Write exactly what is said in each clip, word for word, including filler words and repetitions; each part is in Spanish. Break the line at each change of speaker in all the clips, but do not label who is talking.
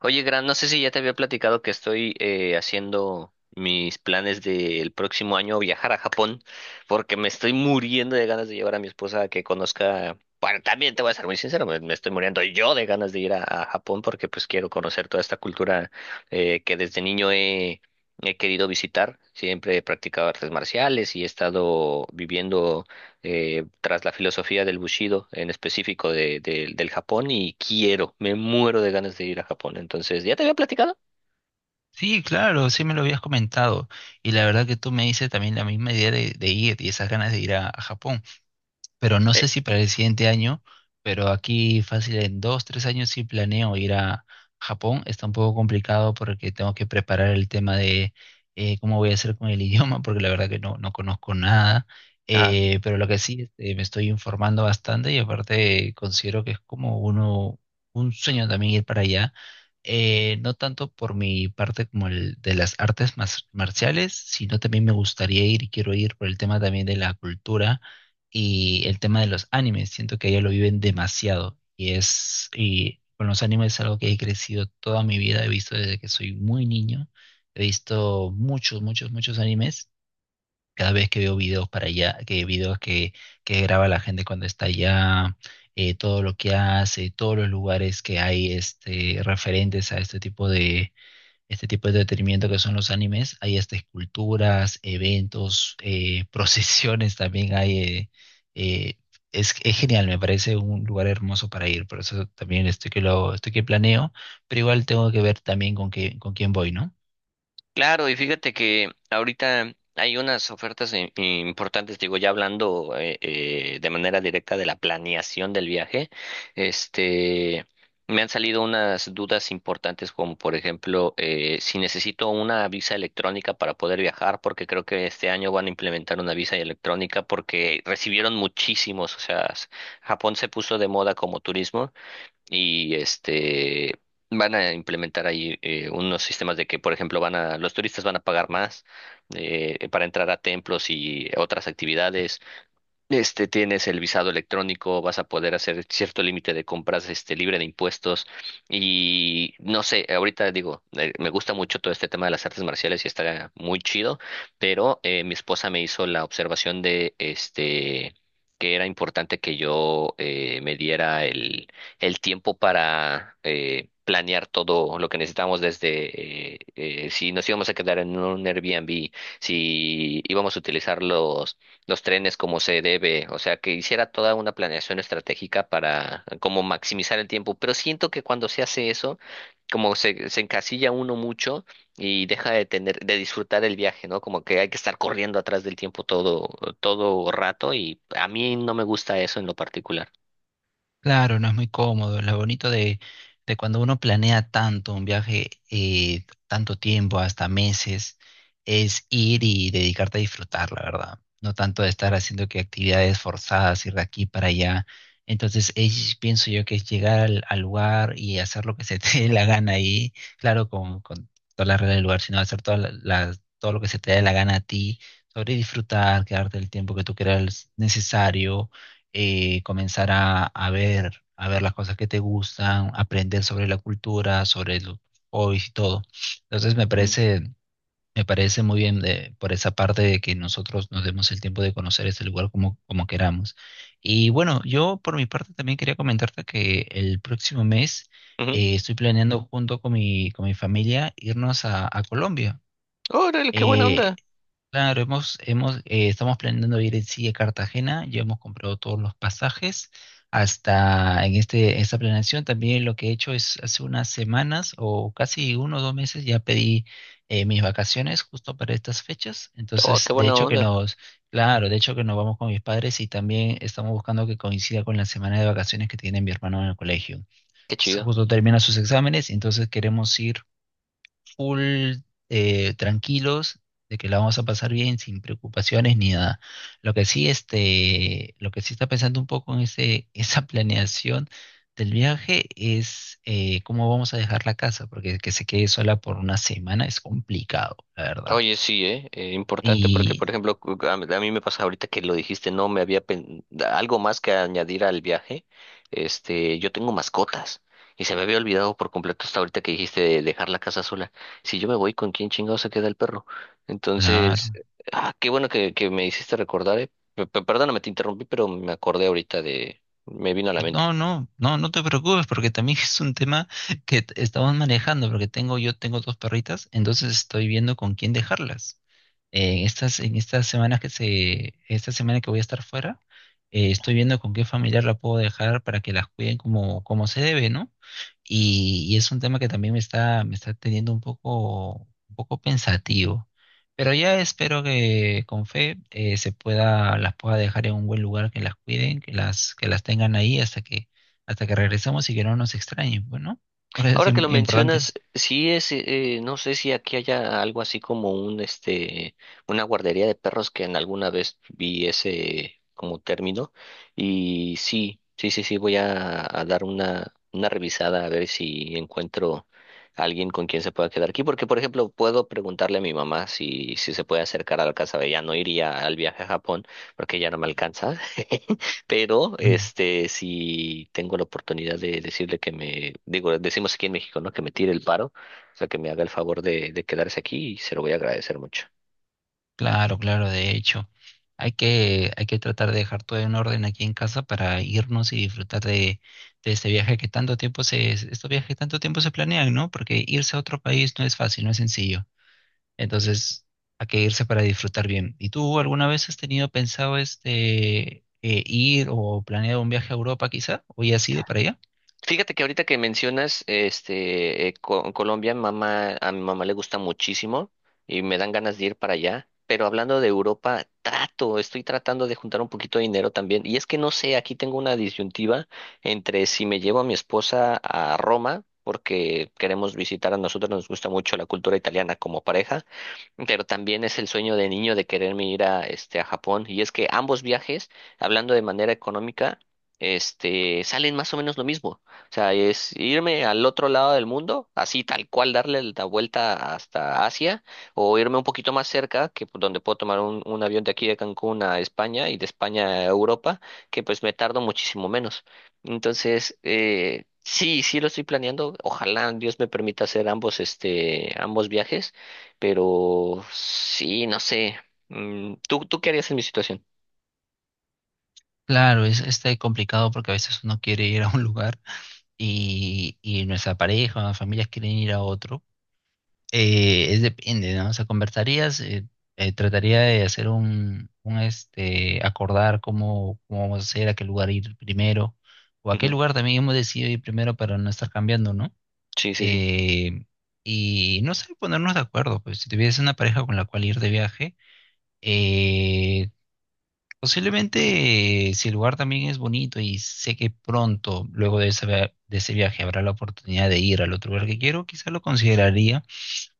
Oye, Gran, no sé si ya te había platicado que estoy eh, haciendo mis planes del próximo año viajar a Japón, porque me estoy muriendo de ganas de llevar a mi esposa a que conozca. Bueno, también te voy a ser muy sincero, me, me estoy muriendo yo de ganas de ir a, a Japón porque pues quiero conocer toda esta cultura eh, que desde niño he, he querido visitar. Siempre he practicado artes marciales y he estado viviendo eh, tras la filosofía del Bushido, en específico de, de- del Japón, y quiero, me muero de ganas de ir a Japón. Entonces, ¿ya te había platicado?
Sí, claro, sí me lo habías comentado. Y la verdad que tú me dices también la misma idea de, de ir y esas ganas de ir a, a Japón, pero no
Eh,
sé si para el siguiente año, pero aquí fácil en dos, tres años sí planeo ir a Japón. Está un poco complicado porque tengo que preparar el tema de eh, cómo voy a hacer con el idioma, porque la verdad que no, no conozco nada.
ajá.
Eh, pero lo que sí, este, me estoy informando bastante y aparte considero que es como uno, un sueño también ir para allá. Eh, no tanto por mi parte como el de las artes mas- marciales, sino también me gustaría ir y quiero ir por el tema también de la cultura y el tema de los animes, siento que ellos lo viven demasiado y es, y con los animes es algo que he crecido toda mi vida, he visto desde que soy muy niño, he visto muchos, muchos, muchos animes, cada vez que veo videos para allá, que videos que, que graba la gente cuando está allá, eh, todo lo que hace, todos los lugares que hay este, referentes a este tipo de este tipo de entretenimiento que son los animes. Hay hasta esculturas, eventos, eh, procesiones también hay. eh, eh, es, es genial, me parece un lugar hermoso para ir. Por eso también estoy que lo, estoy que planeo, pero igual tengo que ver también con qué, con quién voy, ¿no?
Claro, y fíjate que ahorita hay unas ofertas i- importantes, digo, ya hablando eh, eh, de manera directa de la planeación del viaje, este, me han salido unas dudas importantes como, por ejemplo, eh, si necesito una visa electrónica para poder viajar, porque creo que este año van a implementar una visa electrónica porque recibieron muchísimos, o sea, s- Japón se puso de moda como turismo y este van a implementar ahí eh, unos sistemas de que, por ejemplo, van a los turistas van a pagar más eh, para entrar a templos y otras actividades. Este, tienes el visado electrónico, vas a poder hacer cierto límite de compras, este, libre de impuestos y no sé, ahorita digo, eh, me gusta mucho todo este tema de las artes marciales y está muy chido, pero eh, mi esposa me hizo la observación de, este, que era importante que yo eh, me diera el, el tiempo para eh, planear todo lo que necesitábamos desde eh, eh, si nos íbamos a quedar en un Airbnb, si íbamos a utilizarlo los trenes como se debe, o sea, que hiciera toda una planeación estratégica para como maximizar el tiempo, pero siento que cuando se hace eso, como se, se encasilla uno mucho y deja de tener, de disfrutar el viaje, ¿no? Como que hay que estar corriendo atrás del tiempo todo, todo rato y a mí no me gusta eso en lo particular.
Claro, no es muy cómodo. Lo bonito de, de cuando uno planea tanto un viaje, eh, tanto tiempo, hasta meses, es ir y dedicarte a disfrutar, la verdad. No tanto de estar haciendo que actividades forzadas, ir de aquí para allá. Entonces, es- pienso yo que es llegar al, al lugar y hacer lo que se te dé la gana ahí. Claro, con, con toda la regla del lugar, sino hacer toda la- la- todo lo que se te dé la gana a ti, sobre disfrutar, quedarte el tiempo que tú creas necesario, eh, comenzar a, a ver, a ver las cosas que te gustan, aprender sobre la cultura, sobre los hobbies y todo. Entonces me
Mm.
parece, me parece muy bien de- por esa parte de que nosotros nos demos el tiempo de conocer este lugar como, como queramos. Y bueno, yo por mi parte también quería comentarte que el próximo mes
Ujú.
eh, estoy planeando junto con mi, con mi familia irnos a, a Colombia.
Órale, qué buena
Eh,
onda.
Claro, hemos, hemos, eh, estamos planeando ir en sí a Cartagena, ya hemos comprado todos los pasajes. Hasta en este, esta planeación también lo que he hecho es hace unas semanas o casi uno o dos meses ya pedí eh, mis vacaciones justo para estas fechas.
Oh, qué
Entonces, de
buena
hecho que
onda.
nos, claro, de hecho que nos vamos con mis padres y también estamos buscando que coincida con la semana de vacaciones que tiene mi hermano en el colegio.
Qué chido.
Justo termina sus exámenes, entonces queremos ir full eh, tranquilos, de que la vamos a pasar bien, sin preocupaciones ni nada. Lo que sí, este, lo que sí está pensando un poco en ese, esa planeación del viaje es eh, cómo vamos a dejar la casa, porque que se quede sola por una semana es complicado, la verdad.
Oye, sí, ¿eh? Eh, importante porque, por
Y
ejemplo, cu- a mí a mí me pasa ahorita que lo dijiste, no me había pen- algo más que añadir al viaje. Este, yo tengo mascotas y se me había olvidado por completo hasta ahorita que dijiste de dejar la casa sola. Si yo me voy, ¿con quién chingado se queda el perro? Entonces,
claro.
ah, qué bueno que, que me hiciste recordar, ¿eh? Pe- pe- Perdóname, te interrumpí, pero me acordé ahorita de, me vino a la mente.
No, no, no, no te preocupes porque también es un tema que t- estamos manejando porque tengo yo tengo dos perritas, entonces estoy viendo con quién dejarlas. En estas, en estas semanas que se, esta semana que voy a estar fuera, eh, estoy viendo con qué familiar la puedo dejar para que las cuiden como, como se debe, ¿no? Y, y es un tema que también me está, me está teniendo un poco, un poco pensativo. Pero ya espero que con fe eh, se pueda, las pueda dejar en un buen lugar, que las cuiden, que las, que las tengan ahí hasta que, hasta que regresemos y que no nos extrañen, bueno, porque es
Ahora que lo
im- importante.
mencionas, sí es, eh, no sé si aquí haya algo así como un, este, una guardería de perros que en alguna vez vi ese como término y sí, sí, sí, sí, voy a, a dar una, una revisada a ver si encuentro a alguien con quien se pueda quedar aquí, porque por ejemplo puedo preguntarle a mi mamá si, si se puede acercar a la casa, ella no iría al viaje a Japón porque ya no me alcanza, Pero este, si tengo la oportunidad de decirle que me, digo, decimos aquí en México, ¿no? Que me tire el paro, o sea, que me haga el favor de, de quedarse aquí y se lo voy a agradecer mucho.
Claro, claro, de hecho, hay que, hay que tratar de dejar todo en orden aquí en casa para irnos y disfrutar de, de este viaje que tanto tiempo se, estos viajes que tanto tiempo se planean, ¿no? Porque irse a otro país no es fácil, no es sencillo. Entonces, hay que irse para disfrutar bien. ¿Y tú alguna vez has tenido pensado este eh, ir o planeado un viaje a Europa quizá? ¿O ya has ido para allá?
Fíjate que ahorita que mencionas este eh, Co- Colombia, mamá, a mi mamá le gusta muchísimo y me dan ganas de ir para allá. Pero hablando de Europa, trato, estoy tratando de juntar un poquito de dinero también. Y es que no sé, aquí tengo una disyuntiva entre si me llevo a mi esposa a Roma, porque queremos visitar, a nosotros nos gusta mucho la cultura italiana como pareja, pero también es el sueño de niño de quererme ir a este a Japón. Y es que ambos viajes, hablando de manera económica, este, salen más o menos lo mismo. O sea, es irme al otro lado del mundo, así tal cual darle la vuelta hasta Asia, o irme un poquito más cerca, que pu- donde puedo tomar un, un avión de aquí de Cancún a España y de España a Europa, que pues me tardo muchísimo menos. Entonces, eh, sí, sí lo estoy planeando. Ojalá Dios me permita hacer ambos, este, ambos viajes, pero sí, no sé. Mm, ¿Tú, tú qué harías en mi situación?
Claro, es este complicado porque a veces uno quiere ir a un lugar y, y nuestra pareja o familias quieren ir a otro. Eh, es depende, ¿no? O sea, conversarías, eh, eh, trataría de hacer un, un este, acordar cómo, cómo vamos a hacer, a qué lugar ir primero, o a qué
Ujú.
lugar también hemos decidido ir primero para no estar cambiando, ¿no?
Sí, sí, sí.
Eh, y no sé, ponernos de acuerdo, pues si tuviese una pareja con la cual ir de viaje, eh, posiblemente eh, si el lugar también es bonito y sé que pronto, luego de ese, via- de ese viaje, habrá la oportunidad de ir al otro lugar que quiero, quizá lo consideraría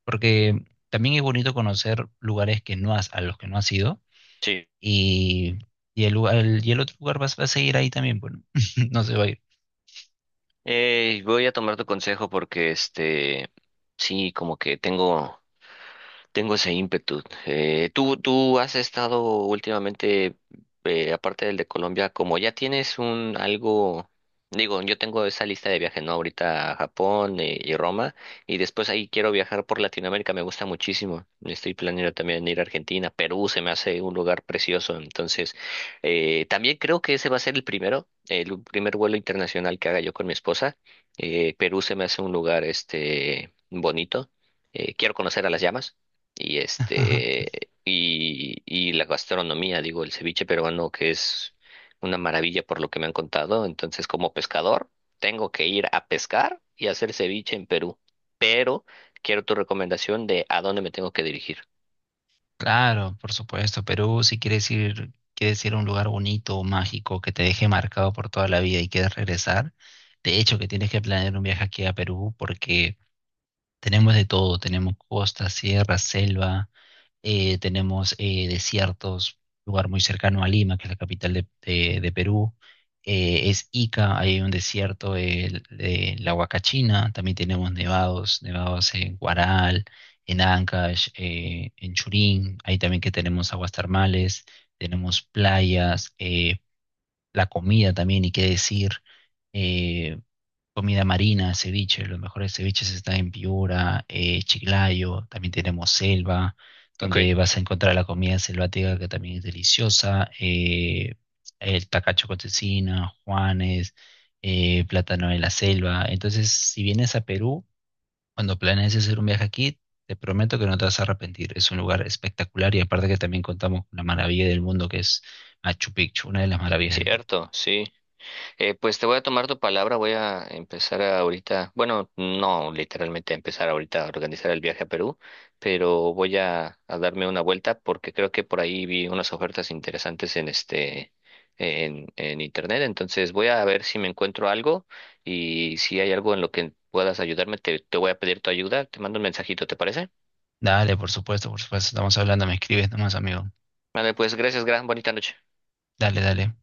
porque también es bonito conocer lugares que no has, a los que no has ido y, y el lugar, el- y el otro lugar vas, va a seguir ahí también, bueno, no se va a ir.
Eh, voy a tomar tu consejo porque este, sí, como que tengo... Tengo ese ímpetu. Eh, tú, tú has estado últimamente, eh, aparte del de Colombia, como ya tienes un algo, digo, yo tengo esa lista de viajes, ¿no? Ahorita a Japón eh, y Roma, y después ahí quiero viajar por Latinoamérica, me gusta muchísimo. Estoy planeando también ir a Argentina, Perú, se me hace un lugar precioso. Entonces, eh, también creo que ese va a ser el primero, el primer vuelo internacional que haga yo con mi esposa. Eh, Perú se me hace un lugar, este, bonito. Eh, quiero conocer a las llamas y este y, y la gastronomía, digo, el ceviche peruano que es una maravilla por lo que me han contado. Entonces, como pescador, tengo que ir a pescar y hacer ceviche en Perú. Pero quiero tu recomendación de a dónde me tengo que dirigir.
Claro, por supuesto, Perú, si quieres ir, quieres ir a un lugar bonito, mágico, que te deje marcado por toda la vida y quieres regresar, de hecho que tienes que planear un viaje aquí a Perú porque tenemos de todo, tenemos costa, sierra, selva, eh, tenemos eh, desiertos, lugar muy cercano a Lima, que es la capital de, de- de Perú. Eh, es Ica, ahí hay un desierto, el- de la Huacachina. También tenemos nevados, nevados en Huaral, en Ancash, eh, en Churín. Ahí también que tenemos aguas termales, tenemos playas, eh, la comida también, y qué decir. eh, Comida marina, ceviche, los mejores ceviches están en Piura, eh, Chiclayo, también tenemos selva,
Ok.
donde vas a encontrar la comida selvática que también es deliciosa, eh, el tacacho con cecina, Juanes, eh, plátano de la selva. Entonces, si vienes a Perú, cuando planees hacer un viaje aquí, te prometo que no te vas a arrepentir. Es un lugar espectacular y aparte que también contamos con la maravilla del mundo que es Machu Picchu, una de las maravillas del mundo.
Cierto, sí. Eh, pues te voy a tomar tu palabra, voy a empezar ahorita, bueno, no literalmente a empezar ahorita a organizar el viaje a Perú, pero voy a, a darme una vuelta porque creo que por ahí vi unas ofertas interesantes en este, en, en internet, entonces voy a ver si me encuentro algo y si hay algo en lo que puedas ayudarme, te, te voy a pedir tu ayuda, te mando un mensajito, ¿te parece?
Dale, por supuesto, por supuesto, estamos hablando, me escribes nomás, amigo.
Vale, pues gracias, gran bonita noche.
Dale, dale.